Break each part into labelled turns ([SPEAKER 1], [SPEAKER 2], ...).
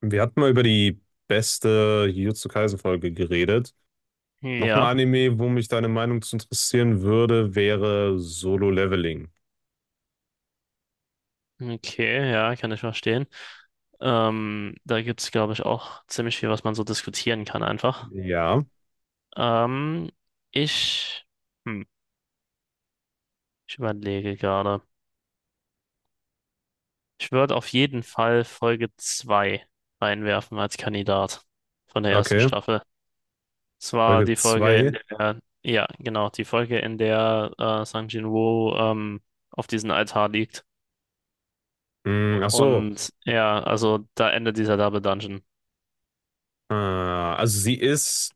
[SPEAKER 1] Wir hatten mal über die beste Jujutsu Kaisen-Folge geredet. Noch ein
[SPEAKER 2] Ja,
[SPEAKER 1] Anime, wo mich deine Meinung zu interessieren würde, wäre Solo Leveling.
[SPEAKER 2] okay, ja, kann ich verstehen. Da gibt es, glaube ich, auch ziemlich viel, was man so diskutieren kann einfach.
[SPEAKER 1] Ja,
[SPEAKER 2] Ähm, ich, hm, ich überlege gerade. Ich würde auf jeden Fall Folge 2 reinwerfen als Kandidat von der ersten
[SPEAKER 1] okay.
[SPEAKER 2] Staffel. Es war
[SPEAKER 1] Folge
[SPEAKER 2] die Folge, in
[SPEAKER 1] 2.
[SPEAKER 2] der, ja, genau, die Folge, in der Sang Jin-woo auf diesem Altar liegt.
[SPEAKER 1] Hm, ach so.
[SPEAKER 2] Und ja, also da endet dieser Double Dungeon.
[SPEAKER 1] Also sie ist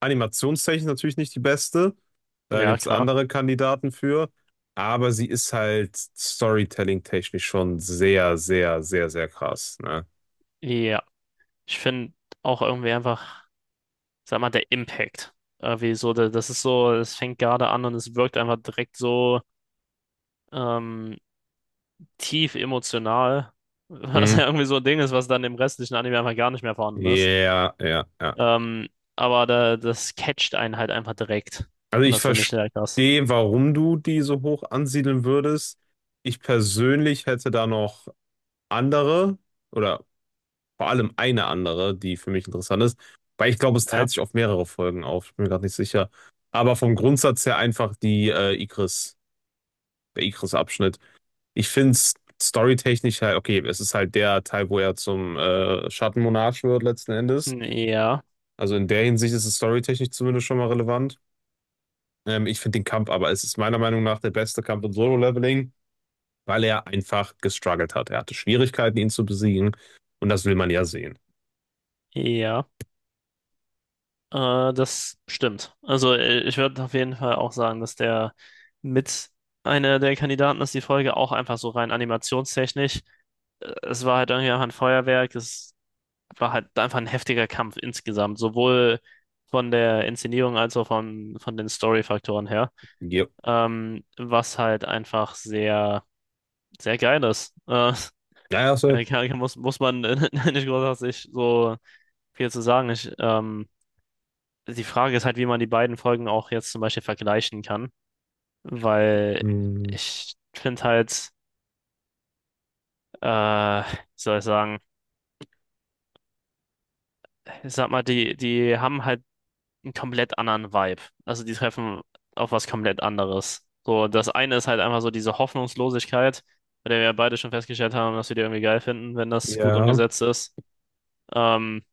[SPEAKER 1] animationstechnisch natürlich nicht die beste. Da
[SPEAKER 2] Ja,
[SPEAKER 1] gibt es
[SPEAKER 2] klar.
[SPEAKER 1] andere Kandidaten für. Aber sie ist halt storytelling-technisch schon sehr, sehr, sehr, sehr krass. Ne?
[SPEAKER 2] Ja. Ich finde auch irgendwie einfach, sag mal, der Impact. Irgendwie so, das ist so, es fängt gerade an und es wirkt einfach direkt so ähm, tief emotional, was
[SPEAKER 1] Hm.
[SPEAKER 2] ja irgendwie so ein Ding ist, was dann im restlichen Anime einfach gar nicht mehr vorhanden ist.
[SPEAKER 1] Ja, ja, ja.
[SPEAKER 2] Ähm, aber da, das catcht einen halt einfach direkt.
[SPEAKER 1] Also
[SPEAKER 2] Und
[SPEAKER 1] ich
[SPEAKER 2] das finde ich sehr krass.
[SPEAKER 1] verstehe, warum du die so hoch ansiedeln würdest. Ich persönlich hätte da noch andere oder vor allem eine andere, die für mich interessant ist, weil ich glaube, es
[SPEAKER 2] Ja.
[SPEAKER 1] teilt sich auf mehrere Folgen auf. Ich bin mir gerade nicht sicher. Aber vom Grundsatz her einfach die Ikris, der Ikris-Abschnitt. Ich finde es storytechnisch halt, okay, es ist halt der Teil, wo er zum Schattenmonarch wird letzten Endes.
[SPEAKER 2] Hm, ja,
[SPEAKER 1] Also in der Hinsicht ist es storytechnisch zumindest schon mal relevant. Ich finde den Kampf aber, es ist meiner Meinung nach der beste Kampf im Solo-Leveling, weil er einfach gestruggelt hat. Er hatte Schwierigkeiten, ihn zu besiegen. Und das will man ja sehen.
[SPEAKER 2] ja, das stimmt. Also ich würde auf jeden Fall auch sagen, dass der mit einer der Kandidaten ist, die Folge auch einfach so rein animationstechnisch. Es war halt irgendwie einfach ein Feuerwerk, es war halt einfach ein heftiger Kampf insgesamt, sowohl von der Inszenierung als auch von den Story-Faktoren her,
[SPEAKER 1] Jo.
[SPEAKER 2] was halt einfach sehr, sehr geil ist.
[SPEAKER 1] Ja, ja, so.
[SPEAKER 2] Ja, muss man nicht großartig so viel zu sagen. Die Frage ist halt, wie man die beiden Folgen auch jetzt zum Beispiel vergleichen kann, weil
[SPEAKER 1] Hm,
[SPEAKER 2] ich finde halt, wie soll ich sagen, ich sag mal, die haben halt einen komplett anderen Vibe. Also die treffen auf was komplett anderes. So, das eine ist halt einfach so diese Hoffnungslosigkeit, bei der wir ja beide schon festgestellt haben, dass wir die irgendwie geil finden, wenn das gut
[SPEAKER 1] ja.
[SPEAKER 2] umgesetzt ist. Ähm,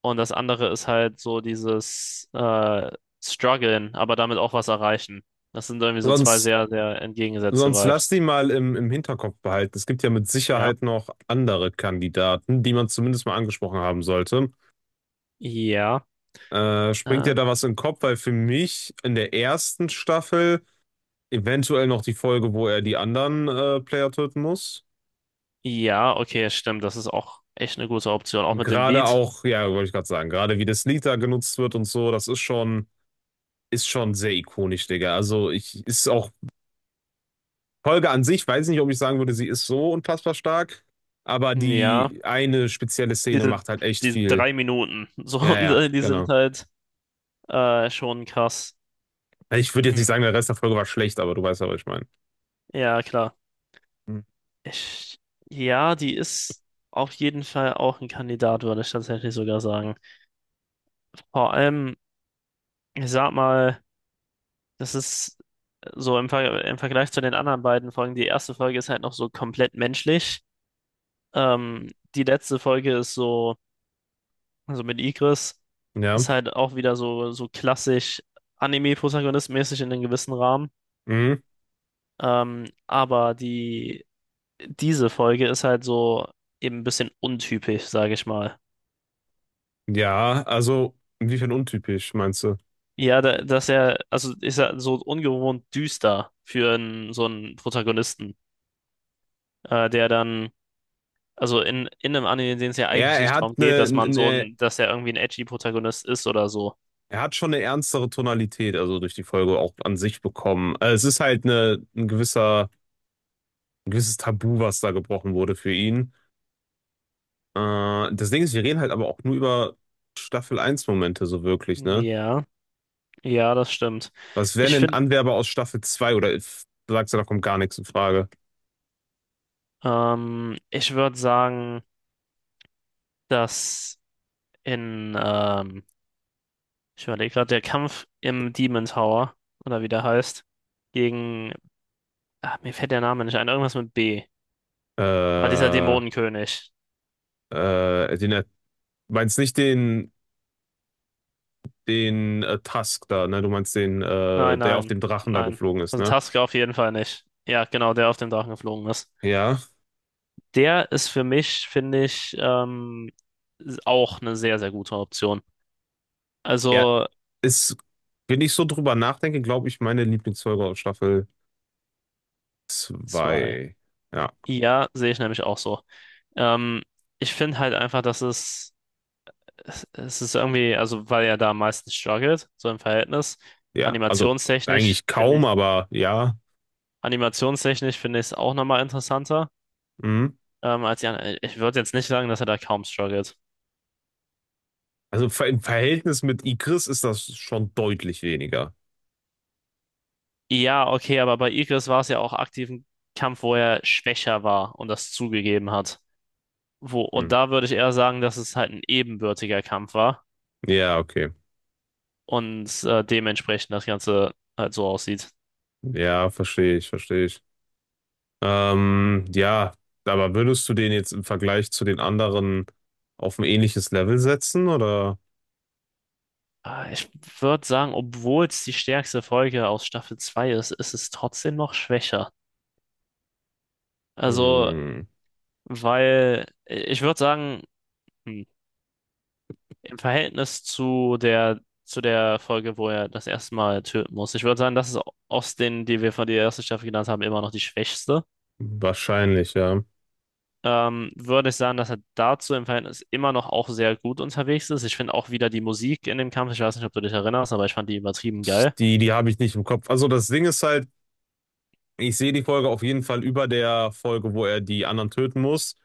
[SPEAKER 2] und das andere ist halt so dieses Struggeln, aber damit auch was erreichen. Das sind irgendwie so zwei
[SPEAKER 1] Sonst,
[SPEAKER 2] sehr, sehr entgegengesetzte
[SPEAKER 1] sonst lass
[SPEAKER 2] Vibes.
[SPEAKER 1] die mal im Hinterkopf behalten. Es gibt ja mit
[SPEAKER 2] Ja.
[SPEAKER 1] Sicherheit noch andere Kandidaten, die man zumindest mal angesprochen haben sollte.
[SPEAKER 2] Ja.
[SPEAKER 1] Springt dir
[SPEAKER 2] Äh,
[SPEAKER 1] da was in den Kopf? Weil für mich in der ersten Staffel. Eventuell noch die Folge, wo er die anderen Player töten muss.
[SPEAKER 2] ja, okay, stimmt. Das ist auch echt eine gute Option. Auch mit dem
[SPEAKER 1] Gerade
[SPEAKER 2] Lied.
[SPEAKER 1] auch, ja, wollte ich gerade sagen, gerade wie der Slitter genutzt wird und so, das ist schon sehr ikonisch, Digga. Also ich ist auch Folge an sich, weiß nicht, ob ich sagen würde, sie ist so unfassbar stark, aber
[SPEAKER 2] Ja.
[SPEAKER 1] die eine spezielle Szene
[SPEAKER 2] diese,
[SPEAKER 1] macht halt echt
[SPEAKER 2] Diese
[SPEAKER 1] viel.
[SPEAKER 2] 3 Minuten, so,
[SPEAKER 1] Ja,
[SPEAKER 2] und
[SPEAKER 1] ja,
[SPEAKER 2] die sind
[SPEAKER 1] genau.
[SPEAKER 2] halt schon krass.
[SPEAKER 1] Ich würde jetzt nicht
[SPEAKER 2] Hm.
[SPEAKER 1] sagen, der Rest der Folge war schlecht, aber du weißt ja, was ich meine.
[SPEAKER 2] Ja, klar.
[SPEAKER 1] Hm.
[SPEAKER 2] Ich, ja, die ist auf jeden Fall auch ein Kandidat, würde ich tatsächlich sogar sagen. Vor allem, ich sag mal, das ist so im Vergleich zu den anderen beiden Folgen, die erste Folge ist halt noch so komplett menschlich. Ähm, die letzte Folge ist so, also mit Igris,
[SPEAKER 1] Ja.
[SPEAKER 2] ist halt auch wieder so, so klassisch Anime-Protagonist-mäßig in einem gewissen Rahmen.
[SPEAKER 1] Mhm.
[SPEAKER 2] Aber diese Folge ist halt so eben ein bisschen untypisch, sage ich mal.
[SPEAKER 1] Ja, also inwiefern untypisch, meinst du?
[SPEAKER 2] Ja, dass er, also ist er so ungewohnt düster für einen, so einen Protagonisten, der dann, also in einem Anime, in dem es ja
[SPEAKER 1] Ja,
[SPEAKER 2] eigentlich
[SPEAKER 1] er
[SPEAKER 2] nicht
[SPEAKER 1] hat
[SPEAKER 2] darum geht,
[SPEAKER 1] eine,
[SPEAKER 2] dass man so
[SPEAKER 1] eine
[SPEAKER 2] ein, dass er irgendwie ein edgy Protagonist ist oder so.
[SPEAKER 1] Er hat schon eine ernstere Tonalität, also durch die Folge auch an sich bekommen. Es ist halt eine, ein gewisser, ein gewisses Tabu, was da gebrochen wurde für ihn. Das Ding ist, wir reden halt aber auch nur über Staffel 1 Momente so wirklich, ne?
[SPEAKER 2] Ja, ja, das stimmt.
[SPEAKER 1] Was wären
[SPEAKER 2] Ich
[SPEAKER 1] denn
[SPEAKER 2] finde,
[SPEAKER 1] Anwerber aus Staffel 2? Oder du sagst ja, da kommt gar nichts in Frage.
[SPEAKER 2] ich würde sagen, dass in, ähm, ich überlege gerade, der Kampf im Demon Tower, oder wie der heißt, gegen. Ah, mir fällt der Name nicht ein. Irgendwas mit B. Ah, dieser
[SPEAKER 1] Äh,
[SPEAKER 2] Dämonenkönig.
[SPEAKER 1] äh, den, er- meinst nicht den, den Tusk da, ne? Du meinst den,
[SPEAKER 2] Nein,
[SPEAKER 1] der auf
[SPEAKER 2] nein,
[SPEAKER 1] dem Drachen da
[SPEAKER 2] nein.
[SPEAKER 1] geflogen ist,
[SPEAKER 2] Also
[SPEAKER 1] ne?
[SPEAKER 2] Tusk auf jeden Fall nicht. Ja, genau, der auf dem Drachen geflogen ist.
[SPEAKER 1] Ja.
[SPEAKER 2] Der ist für mich, finde ich, auch eine sehr, sehr gute Option.
[SPEAKER 1] Ja,
[SPEAKER 2] Also
[SPEAKER 1] ist, wenn ich so drüber nachdenke, glaube ich, meine Lieblingsfolge aus Staffel
[SPEAKER 2] zwei.
[SPEAKER 1] 2. Ja,
[SPEAKER 2] Ja, sehe ich nämlich auch so. Ähm, ich finde halt einfach, dass es. Es ist irgendwie, also weil er da am meisten struggelt, so im Verhältnis.
[SPEAKER 1] ja, also
[SPEAKER 2] Animationstechnisch
[SPEAKER 1] eigentlich
[SPEAKER 2] finde
[SPEAKER 1] kaum,
[SPEAKER 2] ich,
[SPEAKER 1] aber ja.
[SPEAKER 2] animationstechnisch finde ich es auch nochmal interessanter,
[SPEAKER 1] Mhm.
[SPEAKER 2] als die anderen. Ich würde jetzt nicht sagen, dass er da kaum struggelt.
[SPEAKER 1] Also im Verhältnis mit Igris ist das schon deutlich weniger.
[SPEAKER 2] Ja, okay, aber bei Igris war es ja auch aktiv ein Kampf, wo er schwächer war und das zugegeben hat. Wo,
[SPEAKER 1] Hm.
[SPEAKER 2] und da würde ich eher sagen, dass es halt ein ebenbürtiger Kampf war
[SPEAKER 1] Ja, okay.
[SPEAKER 2] und dementsprechend das Ganze halt so aussieht.
[SPEAKER 1] Ja, verstehe ich, verstehe ich. Ja, aber würdest du den jetzt im Vergleich zu den anderen auf ein ähnliches Level setzen oder?
[SPEAKER 2] Ah, ich würde sagen, obwohl es die stärkste Folge aus Staffel 2 ist, ist es trotzdem noch schwächer. Also,
[SPEAKER 1] Hm,
[SPEAKER 2] weil ich würde sagen, hm, im Verhältnis zu zu der Folge, wo er das erste Mal töten muss, ich würde sagen, das ist aus den, die wir von der ersten Staffel genannt haben, immer noch die schwächste.
[SPEAKER 1] wahrscheinlich, ja.
[SPEAKER 2] Würde ich sagen, dass er dazu im Verhältnis immer noch auch sehr gut unterwegs ist. Ich finde auch wieder die Musik in dem Kampf, ich weiß nicht, ob du dich erinnerst, aber ich fand die übertrieben geil.
[SPEAKER 1] Die, die habe ich nicht im Kopf. Also das Ding ist halt, ich sehe die Folge auf jeden Fall über der Folge, wo er die anderen töten muss.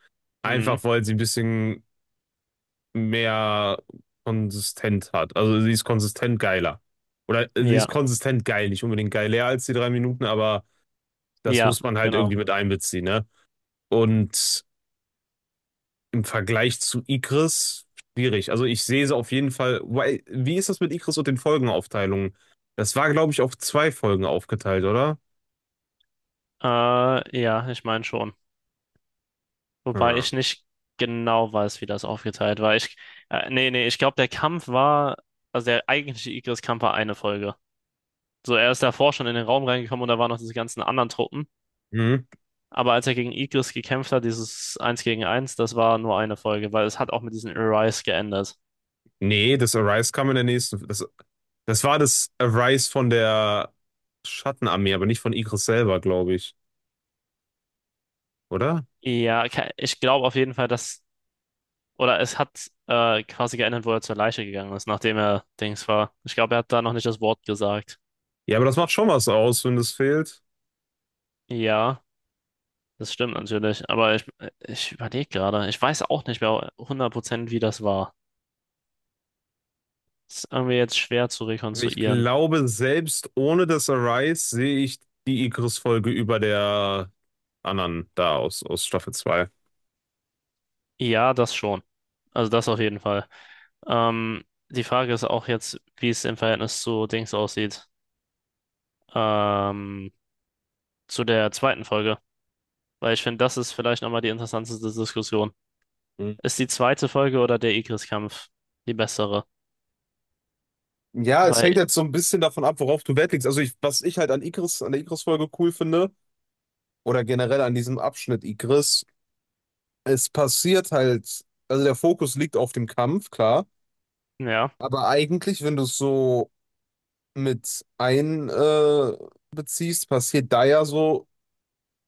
[SPEAKER 2] Mhm.
[SPEAKER 1] Einfach weil sie ein bisschen mehr konsistent hat. Also sie ist konsistent geiler. Oder sie ist
[SPEAKER 2] Ja,
[SPEAKER 1] konsistent geil, nicht unbedingt geiler als die 3 Minuten, aber das
[SPEAKER 2] ja,
[SPEAKER 1] muss man halt
[SPEAKER 2] genau.
[SPEAKER 1] irgendwie mit einbeziehen, ne? Und im Vergleich zu Ikris, schwierig. Also ich sehe sie auf jeden Fall. Wie ist das mit Ikris und den Folgenaufteilungen? Das war, glaube ich, auf 2 Folgen aufgeteilt, oder?
[SPEAKER 2] Ja, ich meine schon. Wobei
[SPEAKER 1] Hm.
[SPEAKER 2] ich nicht genau weiß, wie das aufgeteilt war. Nee, nee, ich glaube, also der eigentliche Igris-Kampf war eine Folge. So, er ist davor schon in den Raum reingekommen und da waren noch diese ganzen anderen Truppen.
[SPEAKER 1] Hm.
[SPEAKER 2] Aber als er gegen Igris gekämpft hat, dieses Eins gegen Eins, das war nur eine Folge, weil es hat auch mit diesen Arise geändert.
[SPEAKER 1] Nee, das Arise kam in der nächsten. Das war das Arise von der Schattenarmee, aber nicht von Igris selber, glaube ich, oder?
[SPEAKER 2] Ja, ich glaube auf jeden Fall, dass, oder es hat quasi geändert, wo er zur Leiche gegangen ist, nachdem er Dings war. Ich glaube, er hat da noch nicht das Wort gesagt.
[SPEAKER 1] Ja, aber das macht schon was aus, wenn das fehlt.
[SPEAKER 2] Ja. Das stimmt natürlich, aber ich überlege gerade, ich weiß auch nicht mehr 100% wie das war. Das ist irgendwie jetzt schwer zu
[SPEAKER 1] Aber ich
[SPEAKER 2] rekonstruieren.
[SPEAKER 1] glaube, selbst ohne das Arise sehe ich die Igris-Folge über der anderen da aus, aus Staffel 2.
[SPEAKER 2] Ja, das schon. Also das auf jeden Fall. Ähm, die Frage ist auch jetzt, wie es im Verhältnis zu Dings aussieht. Ähm, zu der zweiten Folge. Weil ich finde, das ist vielleicht nochmal die interessanteste Diskussion.
[SPEAKER 1] Mhm.
[SPEAKER 2] Ist die zweite Folge oder der Igris-Kampf die bessere?
[SPEAKER 1] Ja, es hängt
[SPEAKER 2] Weil,
[SPEAKER 1] halt so ein bisschen davon ab, worauf du Wert legst. Also ich, was ich halt an Igris, an der Igris-Folge cool finde, oder generell an diesem Abschnitt Igris, es passiert halt, also der Fokus liegt auf dem Kampf, klar.
[SPEAKER 2] ja,
[SPEAKER 1] Aber eigentlich, wenn du es so mit ein beziehst, passiert da ja so,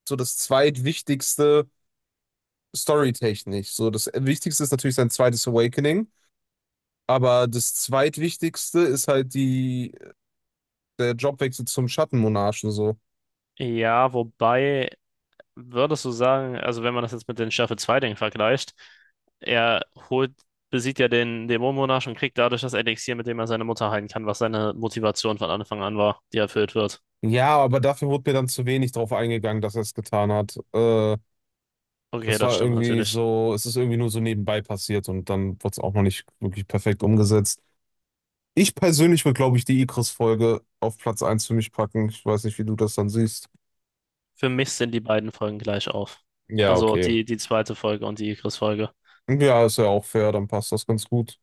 [SPEAKER 1] so das zweitwichtigste storytechnisch. So das Wichtigste ist natürlich sein zweites Awakening, aber das zweitwichtigste ist halt die, der Jobwechsel zum Schattenmonarchen so.
[SPEAKER 2] ja, wobei würdest du sagen, also wenn man das jetzt mit den Staffel zwei dingen vergleicht, er holt, besiegt ja den Dämonenmonarch und kriegt dadurch das Elixier, mit dem er seine Mutter heilen kann, was seine Motivation von Anfang an war, die erfüllt wird.
[SPEAKER 1] Ja, aber dafür wurde mir dann zu wenig drauf eingegangen, dass er es getan hat. Äh,
[SPEAKER 2] Okay,
[SPEAKER 1] das
[SPEAKER 2] das
[SPEAKER 1] war
[SPEAKER 2] stimmt
[SPEAKER 1] irgendwie
[SPEAKER 2] natürlich.
[SPEAKER 1] so, es ist irgendwie nur so nebenbei passiert und dann wurde es auch noch nicht wirklich perfekt umgesetzt. Ich persönlich würde, glaube ich, die Ikris-Folge auf Platz 1 für mich packen. Ich weiß nicht, wie du das dann siehst.
[SPEAKER 2] Für mich sind die beiden Folgen gleich auf.
[SPEAKER 1] Ja,
[SPEAKER 2] Also
[SPEAKER 1] okay.
[SPEAKER 2] die zweite Folge und die Igris-Folge.
[SPEAKER 1] Ja, ist ja auch fair, dann passt das ganz gut.